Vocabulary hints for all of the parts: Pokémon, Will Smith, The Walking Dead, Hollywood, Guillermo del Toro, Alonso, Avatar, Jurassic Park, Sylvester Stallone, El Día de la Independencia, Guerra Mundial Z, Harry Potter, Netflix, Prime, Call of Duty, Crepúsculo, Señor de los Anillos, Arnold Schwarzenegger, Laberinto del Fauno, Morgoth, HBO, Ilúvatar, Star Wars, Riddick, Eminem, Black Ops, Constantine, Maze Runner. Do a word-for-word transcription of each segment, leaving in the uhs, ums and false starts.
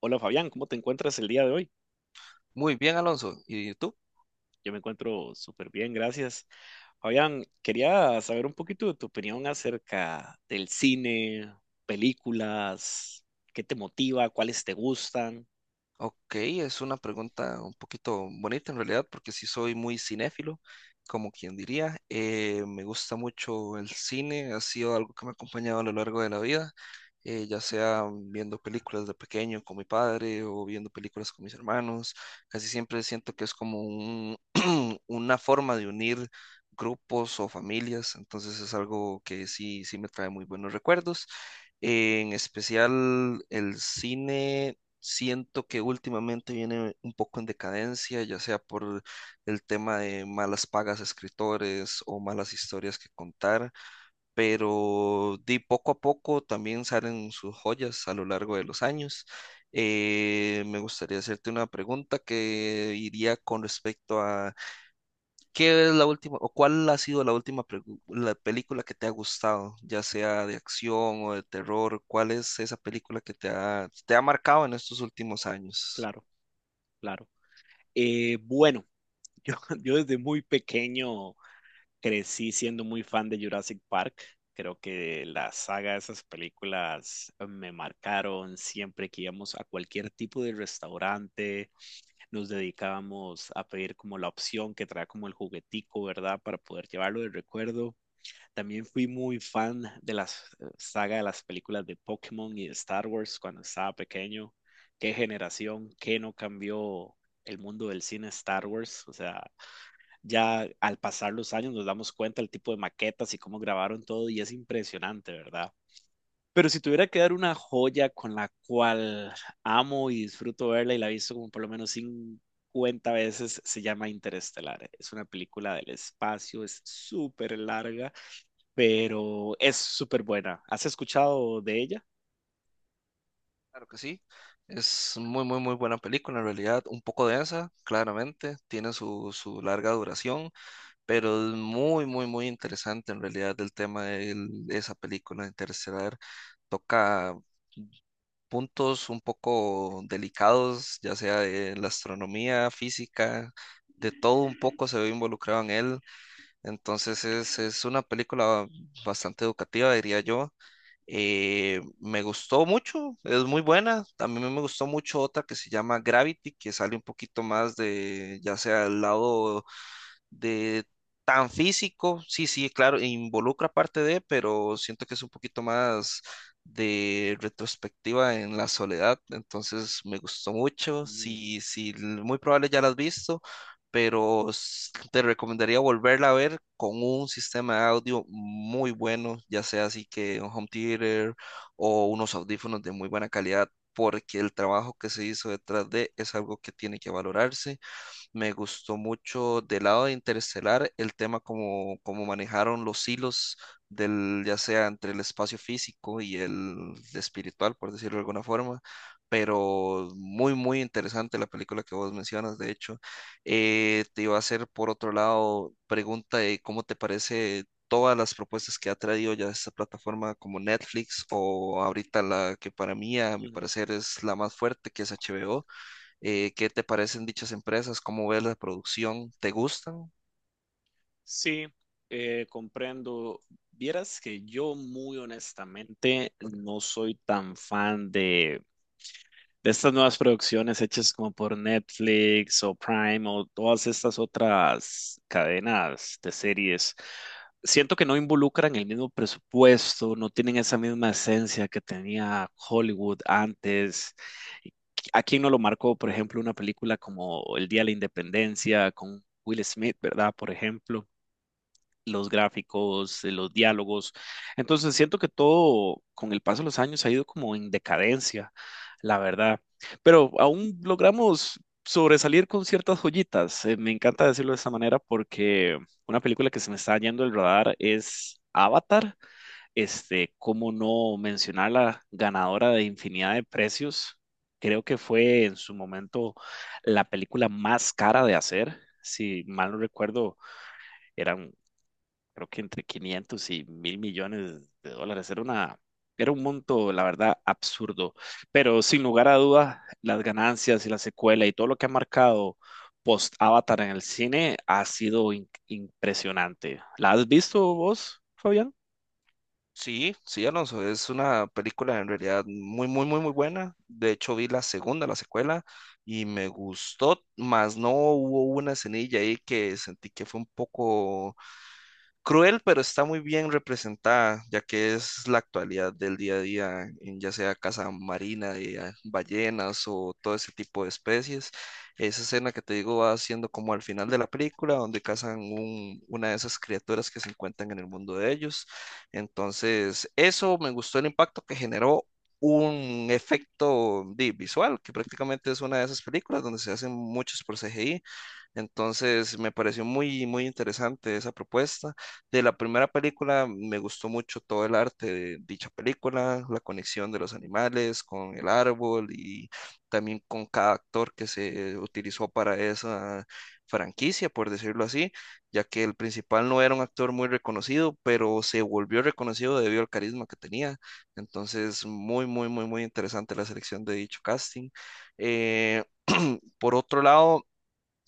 Hola Fabián, ¿cómo te encuentras el día de hoy? Muy bien, Alonso. ¿Y tú? Yo me encuentro súper bien, gracias. Fabián, quería saber un poquito de tu opinión acerca del cine, películas, qué te motiva, cuáles te gustan. Ok, es una pregunta un poquito bonita en realidad, porque sí soy muy cinéfilo, como quien diría. Eh, me gusta mucho el cine, ha sido algo que me ha acompañado a lo largo de la vida, eh, ya sea viendo películas de pequeño con mi padre o viendo películas con mis hermanos. Casi siempre siento que es como un, una forma de unir grupos o familias, entonces es algo que sí, sí me trae muy buenos recuerdos. En especial el cine siento que últimamente viene un poco en decadencia, ya sea por el tema de malas pagas a escritores o malas historias que contar, pero de poco a poco también salen sus joyas a lo largo de los años. Eh, me gustaría hacerte una pregunta que iría con respecto a ¿qué es la última, o cuál ha sido la última pregu- la película que te ha gustado, ya sea de acción o de terror? ¿Cuál es esa película que te ha, te ha marcado en estos últimos años? Claro, claro. Eh, bueno, yo desde muy pequeño crecí siendo muy fan de Jurassic Park. Creo que la saga de esas películas me marcaron. Siempre que íbamos a cualquier tipo de restaurante nos dedicábamos a pedir como la opción que trae como el juguetico, ¿verdad? Para poder llevarlo de recuerdo. También fui muy fan de la saga de las películas de Pokémon y de Star Wars cuando estaba pequeño. Qué generación, qué no cambió el mundo del cine Star Wars. O sea, ya al pasar los años nos damos cuenta el tipo de maquetas y cómo grabaron todo y es impresionante, ¿verdad? Pero si tuviera que dar una joya con la cual amo y disfruto verla y la he visto como por lo menos cincuenta veces, se llama Interestelar. Es una película del espacio, es súper larga, pero es súper buena. ¿Has escuchado de ella? Claro que sí, es muy, muy, muy buena película en realidad, un poco densa, claramente, tiene su, su larga duración, pero es muy, muy, muy interesante en realidad el tema de el- esa película Interestelar, toca puntos un poco delicados, ya sea de la astronomía, física, de todo un poco se ve involucrado en él. Entonces es, es una película bastante educativa, diría yo. Eh, me gustó mucho, es muy buena. También me gustó mucho otra que se llama Gravity, que sale un poquito más de, ya sea el lado de tan físico, sí, sí, claro, involucra parte de, pero siento que es un poquito más de retrospectiva en la soledad, entonces me gustó mucho, Mm, sí, sí, l- muy probable ya la has visto, pero s- te recomendaría volverla a ver con un sistema de audio muy bueno, ya sea así que un home theater o unos audífonos de muy buena calidad, porque el trabajo que se hizo detrás de es algo que tiene que valorarse. Me gustó mucho del lado de Interestelar el tema como, como manejaron los hilos del, ya sea entre el espacio físico y el espiritual, por decirlo de alguna forma. Pero muy, muy interesante la película que vos mencionas, de hecho. Eh, te iba a hacer, por otro lado, pregunta de cómo te parece todas las propuestas que ha traído ya esta plataforma como Netflix o ahorita la que para mí, a mi mm. parecer, es la más fuerte, que es H B O. Eh, ¿qué te parecen dichas empresas? ¿Cómo ves la producción? ¿Te gustan? Sí, eh, comprendo. Vieras que yo muy honestamente no soy tan fan de, de estas nuevas producciones hechas como por Netflix o Prime o todas estas otras cadenas de series. Siento que no involucran el mismo presupuesto, no tienen esa misma esencia que tenía Hollywood antes. ¿A quién no lo marcó, por ejemplo, una película como El Día de la Independencia con Will Smith, ¿verdad? Por ejemplo los gráficos, eh, los diálogos. Entonces siento que todo con el paso de los años ha ido como en decadencia, la verdad. Pero aún logramos sobresalir con ciertas joyitas. Eh, me encanta decirlo de esta manera porque una película que se me está yendo el radar es Avatar. Este, cómo no mencionar la ganadora de infinidad de precios. Creo que fue en su momento la película más cara de hacer. Si mal no recuerdo, eran creo que entre quinientos y mil millones de dólares. Era una, era un monto, la verdad, absurdo. Pero sin lugar a dudas, las ganancias y la secuela y todo lo que ha marcado post Avatar en el cine ha sido in- impresionante. ¿La has visto vos, Fabián? Sí, sí, Alonso, es una película en realidad muy, muy, muy, muy buena. De hecho, vi la segunda, la secuela, y me gustó, más no hubo una escenilla ahí que sentí que fue un poco cruel, pero está muy bien representada, ya que es la actualidad del día a día, en ya sea caza marina de ah, ballenas o todo ese tipo de especies. Esa escena que te digo va siendo como al final de la película, donde cazan un- una de esas criaturas que se encuentran en el mundo de ellos. Entonces, eso me gustó el impacto que generó. Un efecto di, visual, que prácticamente es una de esas películas donde se hacen muchos por C G I. Entonces me pareció muy, muy interesante esa propuesta. De la primera película me gustó mucho todo el arte de dicha película, la conexión de los animales con el árbol y también con cada actor que se utilizó para esa franquicia, por decirlo así, ya que el principal no era un actor muy reconocido, pero se volvió reconocido debido al carisma que tenía. Entonces, muy, muy, muy, muy interesante la selección de dicho casting. Eh, por otro lado,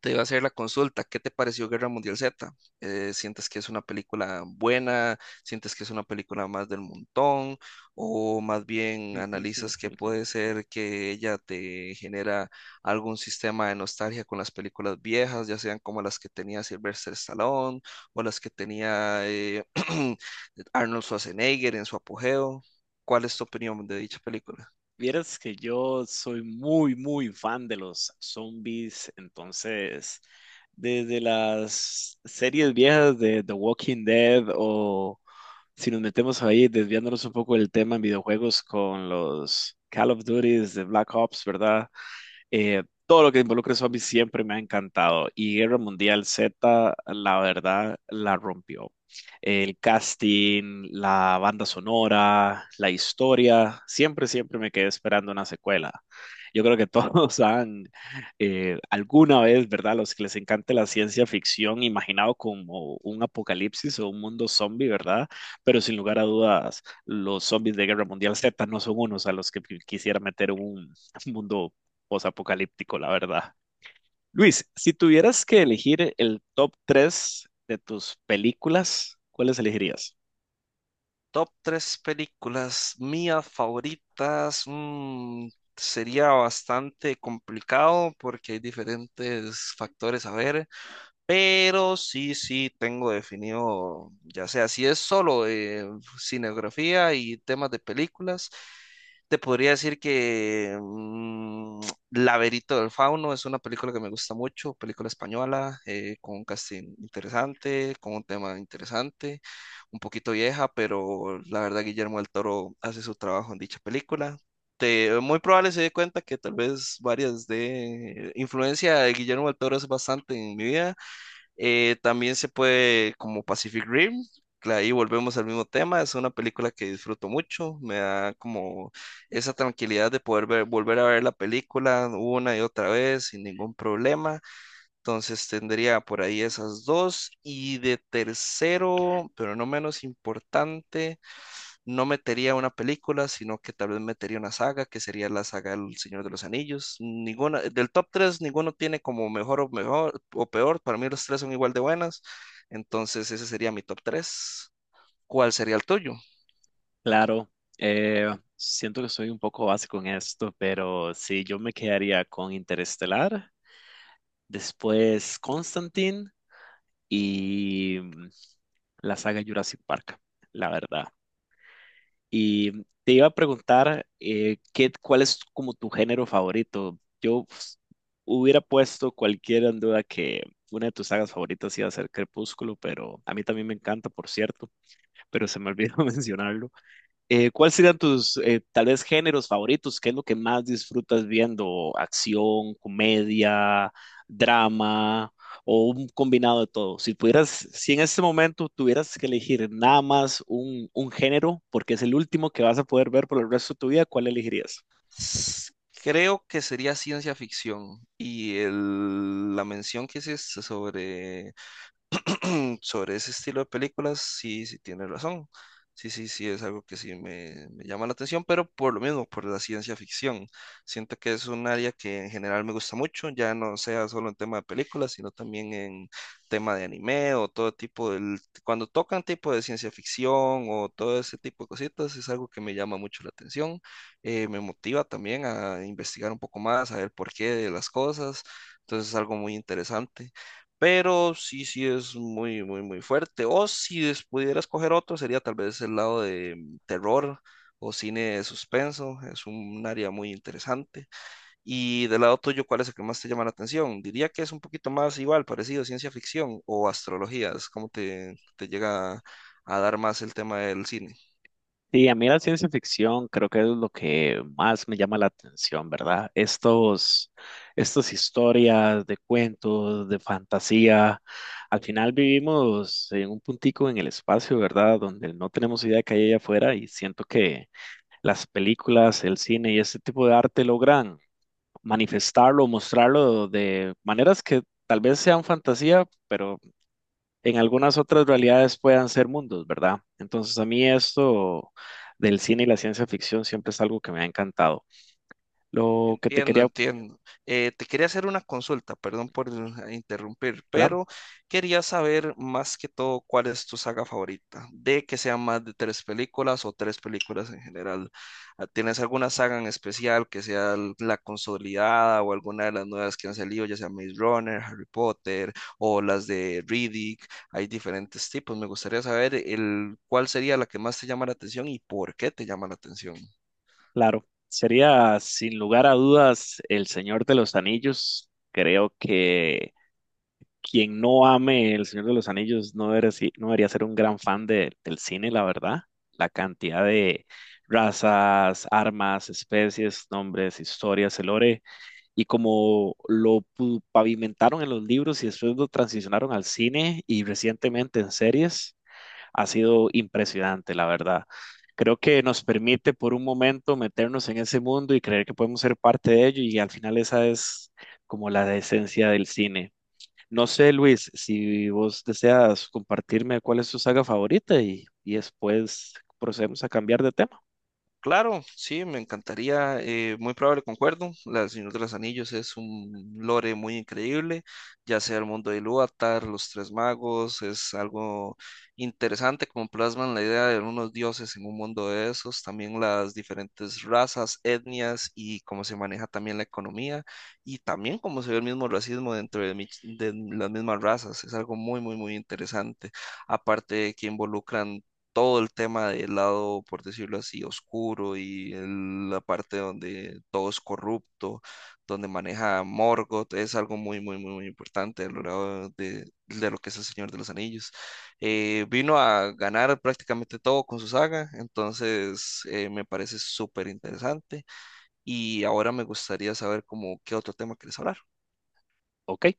te iba a hacer la consulta. ¿Qué te pareció Guerra Mundial Z? Eh, ¿sientes que es una película buena? ¿Sientes que es una película más del montón? ¿O más bien analizas que puede ser que ella te genera algún sistema de nostalgia con las películas viejas, ya sean como las que tenía Sylvester Stallone o las que tenía eh, Arnold Schwarzenegger en su apogeo? ¿Cuál es tu opinión de dicha película? Vieras que yo soy muy, muy fan de los zombies, entonces, desde las series viejas de The Walking Dead o, si nos metemos ahí, desviándonos un poco del tema en videojuegos con los Call of Duties de Black Ops, ¿verdad? Eh, todo lo que involucra zombies siempre me ha encantado y Guerra Mundial Z, la verdad, la rompió. El casting, la banda sonora, la historia, siempre, siempre me quedé esperando una secuela. Yo creo que todos han eh, alguna vez, ¿verdad? Los que les encante la ciencia ficción, imaginado como un apocalipsis o un mundo zombie, ¿verdad? Pero sin lugar a dudas, los zombies de Guerra Mundial Z no son unos a los que quisiera meter en un mundo posapocalíptico, la verdad. Luis, si tuvieras que elegir el top tres de tus películas, ¿cuáles elegirías? Top tres películas mías favoritas. Mm, sería bastante complicado porque hay diferentes factores a ver. Pero sí, sí, tengo definido, ya sea si es solo eh, cinegrafía y temas de películas, te podría decir que mm, Laberinto del Fauno es una película que me gusta mucho, película española, eh, con un casting interesante, con un tema interesante, un poquito vieja, pero la verdad Guillermo del Toro hace su trabajo en dicha película. Te- muy probable se dé cuenta que tal vez varias de influencia de Guillermo del Toro es bastante en mi vida. Eh, también se puede, como Pacific Rim, cla- ahí volvemos al mismo tema, es una película que disfruto mucho, me da como esa tranquilidad de poder ver, volver a ver la película una y otra vez sin ningún problema. Entonces tendría por ahí esas dos. Y de tercero, pero no menos importante, no metería una película, sino que tal vez metería una saga, que sería la saga del Señor de los Anillos. Ninguna, del top tres ninguno tiene como mejor o mejor o peor. Para mí los tres son igual de buenas. Entonces ese sería mi top tres. ¿Cuál sería el tuyo? Claro, eh, siento que soy un poco básico en esto, pero sí, yo me quedaría con Interestelar, después Constantine y mm, la saga Jurassic Park, la verdad. Y te iba a preguntar, eh, ¿qué, cuál es como tu género favorito? Yo pues, hubiera puesto cualquiera en duda que una de tus sagas favoritas iba a ser Crepúsculo, pero a mí también me encanta, por cierto, pero se me olvidó mencionarlo. Eh, ¿cuáles serían tus, eh, tal vez, géneros favoritos? ¿Qué es lo que más disfrutas viendo? ¿Acción, comedia, drama o un combinado de todo? Si pudieras, si en este momento tuvieras que elegir nada más un, un género, porque es el último que vas a poder ver por el resto de tu vida, ¿cuál elegirías? S- Creo que sería ciencia ficción. Y el- la mención que hiciste sobre sobre ese estilo de películas, sí, sí tiene razón. Sí, sí, sí, es algo que sí me, me llama la atención, pero por lo mismo, por la ciencia ficción. Siento que es un área que en general me gusta mucho, ya no sea solo en tema de películas, sino también en tema de anime o todo tipo del... Cuando tocan tipo de ciencia ficción o todo ese tipo de cositas, es algo que me llama mucho la atención. Eh, me motiva también a investigar un poco más, a ver por qué de las cosas. Entonces es algo muy interesante. Pero sí, sí es muy, muy, muy fuerte. O si des- pudieras coger otro, sería tal vez el lado de mm, terror o cine de suspenso. Es un área muy interesante. Y del lado tuyo, ¿cuál es el que más te llama la atención? Diría que es un poquito más igual, parecido a ciencia ficción o astrología. Es como te, te llega a dar más el tema del cine. Sí, a mí la ciencia ficción creo que es lo que más me llama la atención, ¿verdad? Estos, estas historias de cuentos, de fantasía. Al final vivimos en un puntico en el espacio, ¿verdad? Donde no tenemos idea que hay allá afuera y siento que las películas, el cine y este tipo de arte logran manifestarlo, mostrarlo de maneras que tal vez sean fantasía, pero en algunas otras realidades puedan ser mundos, ¿verdad? Entonces a mí esto del cine y la ciencia ficción siempre es algo que me ha encantado. Lo que te Entiendo, quería, entiendo. Eh, te quería hacer una consulta, perdón por eh, interrumpir, claro, pero quería saber más que todo cuál es tu saga favorita, de que sean más de tres películas o tres películas en general. Ah, ¿tienes alguna saga en especial que sea l- la consolidada o alguna de las nuevas que han salido, ya sea Maze Runner, Harry Potter o las de Riddick? Hay diferentes tipos. Me gustaría saber el cuál sería la que más te llama la atención y por qué te llama la atención. claro, sería sin lugar a dudas El Señor de los Anillos. Creo que quien no ame El Señor de los Anillos no debería, si- no debería ser un gran fan de- del cine, la verdad. La cantidad de razas, armas, especies, nombres, historias, el lore y como lo pu- pavimentaron en los libros y después lo transicionaron al cine y recientemente en series, ha sido impresionante, la verdad. Creo que nos permite por un momento meternos en ese mundo y creer que podemos ser parte de ello y al final esa es como la esencia del cine. No sé, Luis, si vos deseas compartirme cuál es tu saga favorita y, y después procedemos a cambiar de tema. Claro, sí, me encantaría, eh, muy probable concuerdo, La Señor de los Anillos es un lore muy increíble, ya sea el mundo de Ilúvatar, los Tres Magos, es algo interesante como plasman la idea de unos dioses en un mundo de esos, también las diferentes razas, etnias y cómo se maneja también la economía y también cómo se ve el mismo racismo dentro de, mi- de las mismas razas, es algo muy, muy, muy interesante, aparte de que involucran todo el tema del lado, por decirlo así, oscuro y el- la parte donde todo es corrupto, donde maneja Morgoth, es algo muy, muy, muy, muy importante a lo largo de, de lo que es el Señor de los Anillos. Eh, vino a ganar prácticamente todo con su saga, entonces eh, me parece súper interesante y ahora me gustaría saber como qué otro tema quieres hablar. Ok.